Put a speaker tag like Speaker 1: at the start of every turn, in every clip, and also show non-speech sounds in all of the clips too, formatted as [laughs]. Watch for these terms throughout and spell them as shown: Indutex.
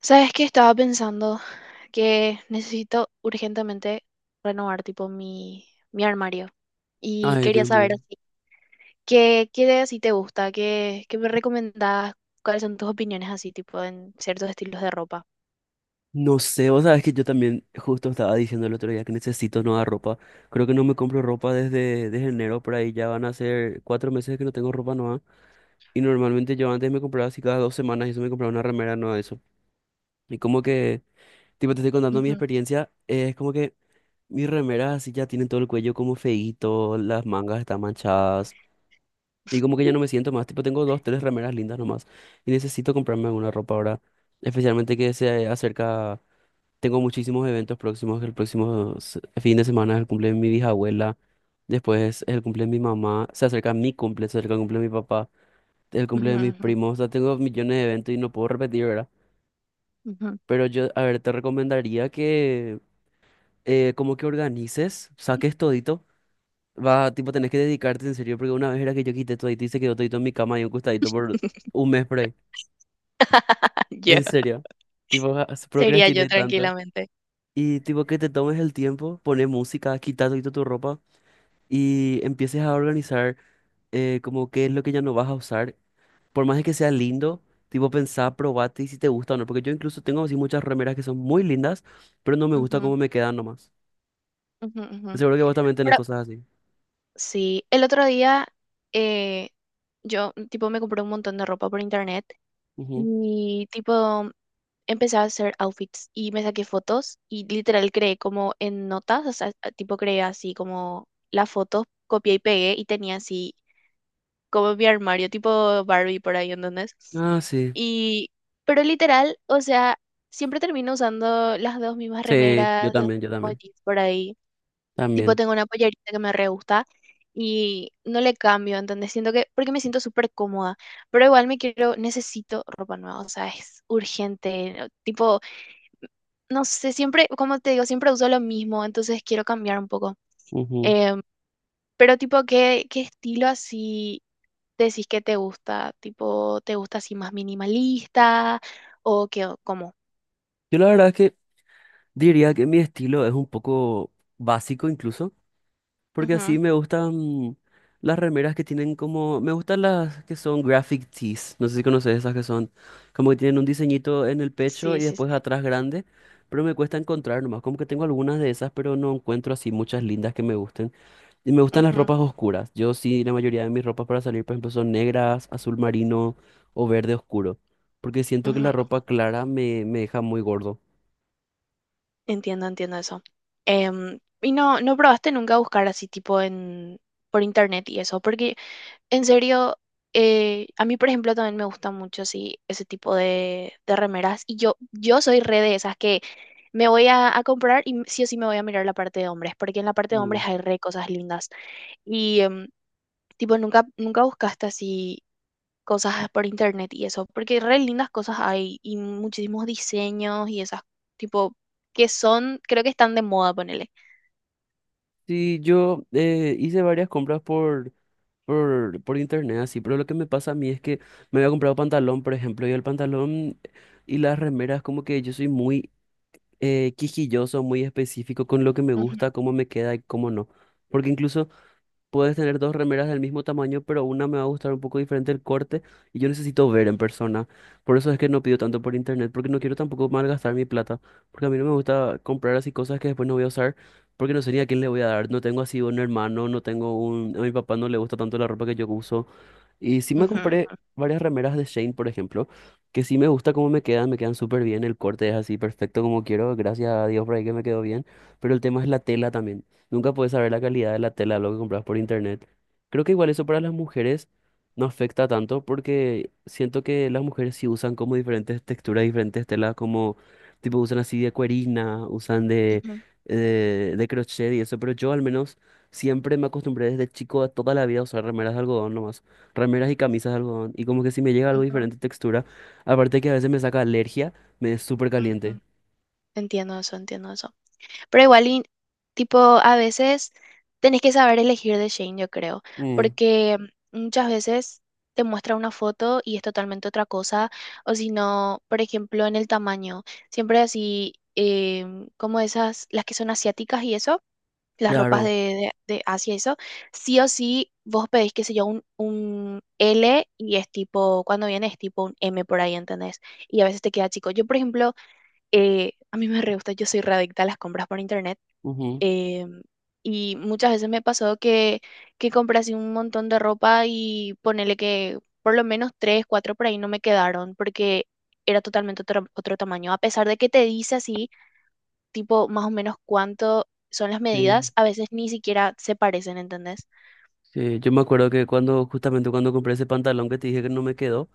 Speaker 1: Sabes que estaba pensando que necesito urgentemente renovar tipo mi armario y
Speaker 2: Ay,
Speaker 1: quería
Speaker 2: Dios
Speaker 1: saber
Speaker 2: mío.
Speaker 1: así, qué de así te gusta, qué me recomendás, cuáles son tus opiniones así tipo en ciertos estilos de ropa.
Speaker 2: No sé, o sea, es que yo también justo estaba diciendo el otro día que necesito nueva ropa. Creo que no me compro ropa desde enero, por ahí ya van a ser 4 meses que no tengo ropa nueva. Y normalmente yo antes me compraba así cada 2 semanas y eso me compraba una remera nueva de eso. Y como que, tipo, te estoy contando mi
Speaker 1: Ujú.
Speaker 2: experiencia, es como que mis remeras así ya tienen todo el cuello como feíto, las mangas están manchadas. Y como que ya no me siento más, tipo, tengo dos, tres remeras lindas nomás. Y necesito comprarme alguna ropa ahora, especialmente que se acerca. Tengo muchísimos eventos próximos. El próximo fin de semana es el cumple de mi bisabuela. Después es el cumple de mi mamá. Se acerca mi cumple, se acerca el cumple de mi papá. El
Speaker 1: Ujú,
Speaker 2: cumple de mis
Speaker 1: ujú,
Speaker 2: primos. O sea, tengo millones de eventos y no puedo repetir, ¿verdad?
Speaker 1: ujú.
Speaker 2: Pero yo, a ver, te recomendaría que como que organices, saques todito. Va, tipo, tenés que dedicarte en serio, porque una vez era que yo quité todito y se quedó todito en mi cama y un costadito por
Speaker 1: [laughs]
Speaker 2: un mes por ahí.
Speaker 1: Ya.
Speaker 2: En serio. Tipo,
Speaker 1: Sería yo
Speaker 2: procrastiné tanto.
Speaker 1: tranquilamente.
Speaker 2: Y tipo que te tomes el tiempo, pones música, quita todito tu ropa y empieces a organizar como qué es lo que ya no vas a usar. Por más de que sea lindo, tipo pensá, probate y si te gusta o no. Porque yo incluso tengo así muchas remeras que son muy lindas, pero no me gusta
Speaker 1: Ujú,
Speaker 2: cómo me quedan nomás.
Speaker 1: ujú.
Speaker 2: Seguro que vos también tenés
Speaker 1: Pero
Speaker 2: cosas así.
Speaker 1: sí, el otro día eh, yo tipo me compré un montón de ropa por internet
Speaker 2: Ujú.
Speaker 1: y tipo empecé a hacer outfits y me saqué fotos y literal creé como en notas, o sea, tipo creé así como las fotos, copié y pegué y tenía así como mi armario tipo Barbie por ahí, ¿entendés?
Speaker 2: Ah, sí.
Speaker 1: Y pero literal, o sea, siempre termino usando las dos mismas
Speaker 2: Sí, yo
Speaker 1: remeras, los
Speaker 2: también, yo
Speaker 1: mismos
Speaker 2: también.
Speaker 1: jeans por ahí. Tipo,
Speaker 2: También.
Speaker 1: tengo una pollerita que me re gusta y no le cambio, ¿entendés? Siento que, porque me siento súper cómoda, pero igual me quiero, necesito ropa nueva, o sea, es urgente, ¿no? Tipo, no sé, siempre, como te digo, siempre uso lo mismo, entonces quiero cambiar un poco.
Speaker 2: Ujú.
Speaker 1: Em, pero tipo, ¿ qué estilo así decís que te gusta? Tipo, ¿te gusta así más minimalista o qué, o cómo?
Speaker 2: Yo la verdad es que diría que mi estilo es un poco básico incluso. Porque
Speaker 1: Ujú.
Speaker 2: así me gustan las remeras que tienen como... Me gustan las que son graphic tees. No sé si conoces esas que son como que tienen un diseñito en el pecho
Speaker 1: Sí,
Speaker 2: y
Speaker 1: sí.
Speaker 2: después atrás grande. Pero me cuesta encontrar nomás. Como que tengo algunas de esas, pero no encuentro así muchas lindas que me gusten. Y me gustan las
Speaker 1: ujú,
Speaker 2: ropas oscuras. Yo sí, la mayoría de mis ropas para salir, por ejemplo, son negras, azul marino o verde oscuro. Porque siento que
Speaker 1: Ujú.
Speaker 2: la ropa clara me deja muy gordo.
Speaker 1: Entiendo, entiendo eso. Y no, no probaste nunca buscar así tipo en por internet y eso, porque en serio, a mí por ejemplo también me gusta mucho así ese tipo de remeras y yo soy re de esas que me voy a comprar y sí o sí me voy a mirar la parte de hombres, porque en la parte de hombres
Speaker 2: Mm.
Speaker 1: hay re cosas lindas y tipo nunca buscaste así cosas por internet y eso, porque re lindas cosas hay y muchísimos diseños y esas tipo que son, creo que están de moda, ponele.
Speaker 2: Sí, yo hice varias compras por internet, así, pero lo que me pasa a mí es que me había comprado pantalón, por ejemplo, y el pantalón y las remeras, como que yo soy muy quisquilloso, muy específico con lo que me
Speaker 1: Ujú,
Speaker 2: gusta, cómo me queda y cómo no. Porque incluso puedes tener dos remeras del mismo tamaño, pero una me va a gustar un poco diferente el corte y yo necesito ver en persona. Por eso es que no pido tanto por internet, porque no quiero tampoco malgastar mi plata, porque a mí no me gusta comprar así cosas que después no voy a usar, porque no sé ni a quién le voy a dar. No tengo así un hermano, no tengo un... A mi papá no le gusta tanto la ropa que yo uso. Y sí me
Speaker 1: ujú,
Speaker 2: compré varias remeras de Shane, por ejemplo, que sí me gusta cómo me quedan súper bien, el corte es así perfecto como quiero, gracias a Dios por ahí que me quedó bien, pero el tema es la tela también. Nunca puedes saber la calidad de la tela, de lo que compras por internet. Creo que igual eso para las mujeres no afecta tanto porque siento que las mujeres sí usan como diferentes texturas, diferentes telas, como tipo usan así de cuerina, usan de,
Speaker 1: ujú,
Speaker 2: de, de crochet y eso, pero yo al menos siempre me acostumbré desde chico a toda la vida a usar remeras de algodón nomás. Remeras y camisas de algodón. Y como que si me llega algo
Speaker 1: ujú,
Speaker 2: diferente textura. Aparte que a veces me saca alergia, me es súper
Speaker 1: ujú.
Speaker 2: caliente.
Speaker 1: Entiendo eso, entiendo eso. Pero igual, y tipo, a veces tenés que saber elegir de Shane, yo creo,
Speaker 2: Mm.
Speaker 1: porque muchas veces te muestra una foto y es totalmente otra cosa, o si no, por ejemplo, en el tamaño, siempre así, como esas, las que son asiáticas y eso las ropas
Speaker 2: Claro.
Speaker 1: de Asia y eso, sí o sí vos pedís, qué sé yo, un L y es tipo, cuando viene es tipo un M por ahí, ¿entendés? Y a veces te queda chico. Yo, por ejemplo, a mí me re gusta, yo soy re adicta a las compras por internet.
Speaker 2: Ujú.
Speaker 1: Eh, y muchas veces me pasó que compré así un montón de ropa y ponele que por lo menos tres, cuatro por ahí no me quedaron porque era totalmente otro tamaño. A pesar de que te dice así tipo más o menos cuánto son las
Speaker 2: Sí,
Speaker 1: medidas, a veces ni siquiera se parecen, ¿entendés?
Speaker 2: sí. Yo me acuerdo que cuando, justamente cuando compré ese pantalón que te dije que no me quedó,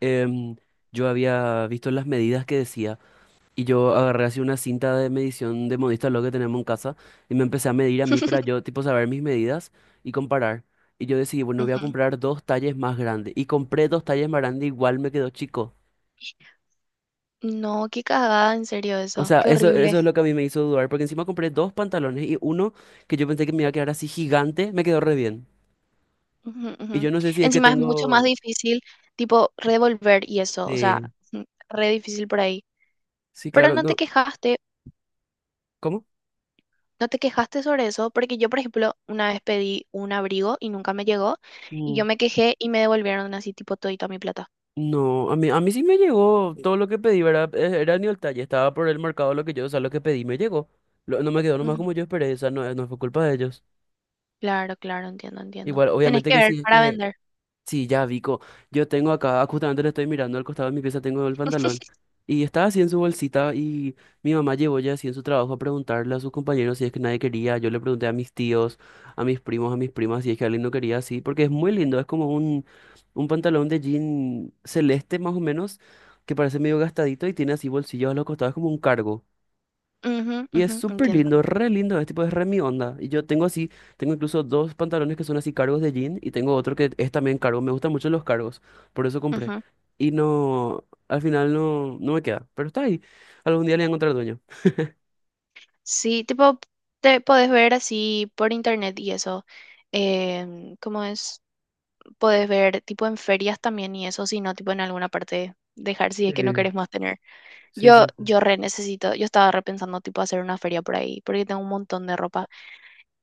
Speaker 2: em, yo había visto las medidas que decía. Y yo agarré así una cinta de medición de modista lo que tenemos en casa. Y me empecé a medir a mí para yo, tipo, saber mis medidas y comparar. Y yo decidí, bueno, voy a
Speaker 1: Ujú.
Speaker 2: comprar dos talles más grandes. Y compré dos talles más grandes, igual me quedó chico.
Speaker 1: No, qué cagada, en serio
Speaker 2: O
Speaker 1: eso,
Speaker 2: sea,
Speaker 1: qué
Speaker 2: eso
Speaker 1: horrible.
Speaker 2: es lo que a mí me hizo dudar, porque encima compré dos pantalones y uno que yo pensé que me iba a quedar así gigante, me quedó re bien. Y
Speaker 1: Ujú.
Speaker 2: yo no sé si es que
Speaker 1: Encima es mucho más
Speaker 2: tengo...
Speaker 1: difícil, tipo, revolver y eso, o sea,
Speaker 2: Eh,
Speaker 1: ujú, re difícil por ahí.
Speaker 2: sí,
Speaker 1: Pero
Speaker 2: claro,
Speaker 1: no te
Speaker 2: no.
Speaker 1: quejaste,
Speaker 2: ¿Cómo?
Speaker 1: no te quejaste sobre eso, porque yo, por ejemplo, una vez pedí un abrigo y nunca me llegó, y yo
Speaker 2: Mm.
Speaker 1: me quejé y me devolvieron así, tipo, todita mi plata.
Speaker 2: No, a mí sí me llegó todo lo que pedí, ¿verdad? Era ni el talle, estaba por el mercado lo que yo, o sea, lo que pedí me llegó. No me quedó nomás
Speaker 1: Ujú.
Speaker 2: como yo esperé, o sea, no, no fue culpa de ellos.
Speaker 1: Claro, claro, entiendo, entiendo.
Speaker 2: Igual,
Speaker 1: Tenés
Speaker 2: obviamente
Speaker 1: que
Speaker 2: que
Speaker 1: ver
Speaker 2: sí, es
Speaker 1: para
Speaker 2: que
Speaker 1: vender.
Speaker 2: Sí, ya, Vico. Yo tengo acá, justamente le estoy mirando al costado de mi pieza, tengo el pantalón. Y estaba así en su bolsita y mi mamá llevó ya así en su trabajo a preguntarle a sus compañeros si es que nadie quería. Yo le pregunté a mis tíos, a mis primos, a mis primas si es que alguien no quería así, porque es muy lindo, es como un pantalón de jean celeste más o menos, que parece medio gastadito y tiene así bolsillos a los costados como un cargo. Y es
Speaker 1: Ujú,
Speaker 2: súper
Speaker 1: entiendo.
Speaker 2: lindo, re lindo, es tipo, es re mi onda. Y yo tengo así, tengo incluso dos pantalones que son así cargos de jean y tengo otro que es también cargo. Me gustan mucho los cargos, por eso compré.
Speaker 1: Ujú.
Speaker 2: Y no, al final no, no me queda, pero está ahí. Algún día le voy a encontrar dueño.
Speaker 1: Sí, tipo, te podés ver así por internet y eso. ¿Cómo es? Podés ver tipo en ferias también y eso, si no, tipo en alguna parte dejar si es
Speaker 2: Sí,
Speaker 1: que no querés más tener.
Speaker 2: sí,
Speaker 1: Yo,
Speaker 2: sí. Sí.
Speaker 1: yo re necesito, yo estaba repensando tipo hacer una feria por ahí, porque tengo un montón de ropa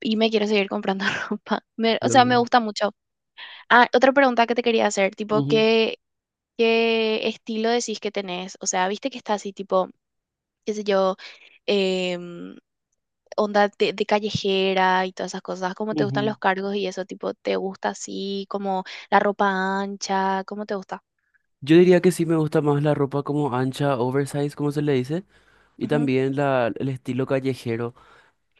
Speaker 1: y me quiero seguir comprando [laughs] ropa. Me- o
Speaker 2: Yo...
Speaker 1: sea, me gusta mucho. Ah, otra pregunta que te quería hacer, tipo,
Speaker 2: Ujú,
Speaker 1: ¿qué estilo decís que tenés? O sea, viste que está así tipo, qué sé yo, em, onda de callejera y todas esas cosas? ¿Cómo te gustan
Speaker 2: ujú.
Speaker 1: los cargos y eso? Tipo, ¿te gusta así como la ropa ancha? ¿Cómo te gusta?
Speaker 2: Yo diría que sí me gusta más la ropa como ancha, oversize, como se le dice, y
Speaker 1: Ujú,
Speaker 2: también el estilo callejero.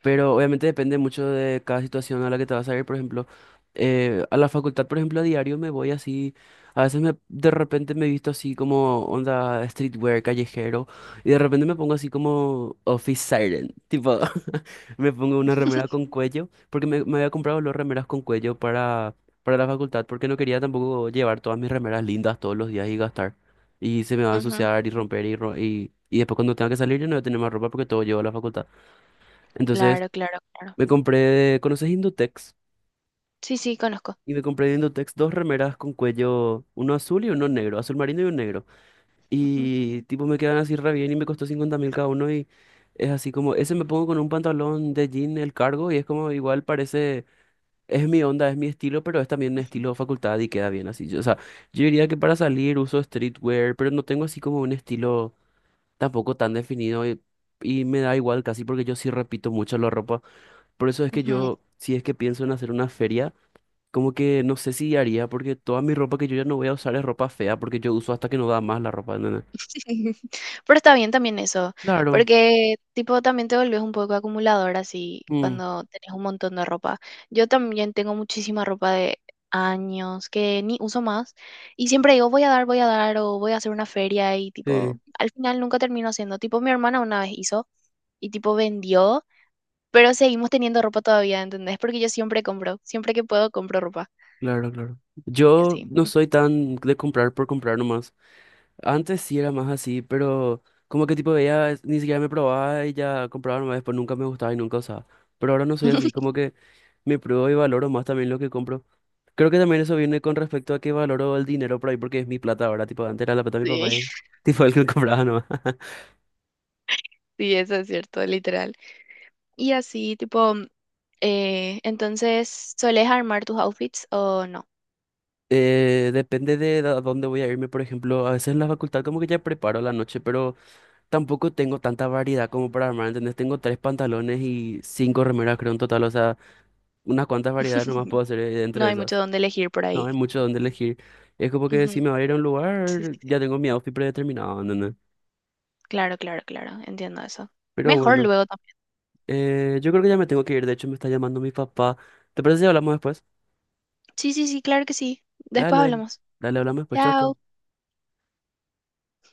Speaker 2: Pero obviamente depende mucho de cada situación a la que te vas a ir. Por ejemplo, a la facultad, por ejemplo, a diario me voy así. A veces de repente me visto así como onda streetwear, callejero. Y de repente me pongo así como office siren. Tipo, [laughs] me pongo una remera con cuello. Porque me había comprado los remeras con cuello para, la facultad. Porque no quería tampoco llevar todas mis remeras lindas todos los días y gastar. Y se me va a
Speaker 1: ujú.
Speaker 2: ensuciar y romper y después cuando tenga que salir yo no voy a tener más ropa porque todo llevo a la facultad. Entonces...
Speaker 1: Claro, claro, claro.
Speaker 2: Me compré, ¿conoces Indutex?
Speaker 1: Sí, sí, conozco.
Speaker 2: Y me compré de Indutex dos remeras con cuello, uno azul y uno negro, azul marino y un negro.
Speaker 1: Ujú,
Speaker 2: Y tipo me quedan así re bien y me costó 50 mil cada uno y es así como, ese me pongo con un pantalón de jean el cargo y es como igual parece, es mi onda, es mi estilo, pero es también estilo facultad y queda bien así. O sea, yo diría que para salir uso streetwear, pero no tengo así como un estilo tampoco tan definido y me da igual casi porque yo sí repito mucho la ropa. Por eso es que
Speaker 1: ujú.
Speaker 2: yo, si es que pienso en hacer una feria, como que no sé si haría, porque toda mi ropa que yo ya no voy a usar es ropa fea, porque yo uso hasta que no da más la ropa, ¿entendés?
Speaker 1: [laughs] Pero está bien también eso,
Speaker 2: Claro,
Speaker 1: porque tipo también te volvés un poco acumulador así
Speaker 2: mm,
Speaker 1: cuando tenés un montón de ropa. Yo también tengo muchísima ropa de años que ni uso más y siempre digo voy a dar o voy a hacer una feria y tipo
Speaker 2: sí,
Speaker 1: al final nunca termino haciendo. Tipo mi hermana una vez hizo y tipo vendió, pero seguimos teniendo ropa todavía, ¿entendés? Porque yo siempre compro, siempre que puedo compro ropa
Speaker 2: claro, claro.
Speaker 1: y
Speaker 2: Yo
Speaker 1: así.
Speaker 2: no soy tan de comprar por comprar nomás. Antes sí era más así, pero como que tipo veía, ni siquiera me probaba y ya compraba nomás, después nunca me gustaba y nunca usaba. Pero ahora no soy así,
Speaker 1: [laughs]
Speaker 2: como que me pruebo y valoro más también lo que compro. Creo que también eso viene con respecto a que valoro el dinero por ahí, porque es mi plata ahora, tipo, antes era la plata de mi
Speaker 1: Sí,
Speaker 2: papá, y, [laughs] tipo, el que compraba nomás.
Speaker 1: sí, eso es cierto, literal. Y así, tipo... entonces, ¿soles armar tus outfits o no?
Speaker 2: Depende de a dónde voy a irme, por ejemplo, a veces en la facultad como que ya preparo la noche, pero tampoco tengo tanta variedad como para armar, ¿entendés? Tengo tres pantalones y cinco remeras, creo, en total, o sea, unas cuantas variedades nomás
Speaker 1: [laughs]
Speaker 2: puedo hacer
Speaker 1: No
Speaker 2: entre
Speaker 1: hay mucho
Speaker 2: esas.
Speaker 1: donde elegir por
Speaker 2: No
Speaker 1: ahí.
Speaker 2: hay mucho donde elegir. Es como que
Speaker 1: Ujú.
Speaker 2: si me voy a ir a un
Speaker 1: Sí,
Speaker 2: lugar,
Speaker 1: sí.
Speaker 2: ya tengo mi outfit predeterminado, ¿entendés?
Speaker 1: Claro, claro, claro. Entiendo eso.
Speaker 2: Pero
Speaker 1: Mejor
Speaker 2: bueno,
Speaker 1: luego también.
Speaker 2: yo creo que ya me tengo que ir, de hecho me está llamando mi papá. ¿Te parece si hablamos después?
Speaker 1: Sí, sí, claro que sí. Después
Speaker 2: Dale, dale,
Speaker 1: hablamos.
Speaker 2: dale, hablamos después, chao,
Speaker 1: Chao.
Speaker 2: chao.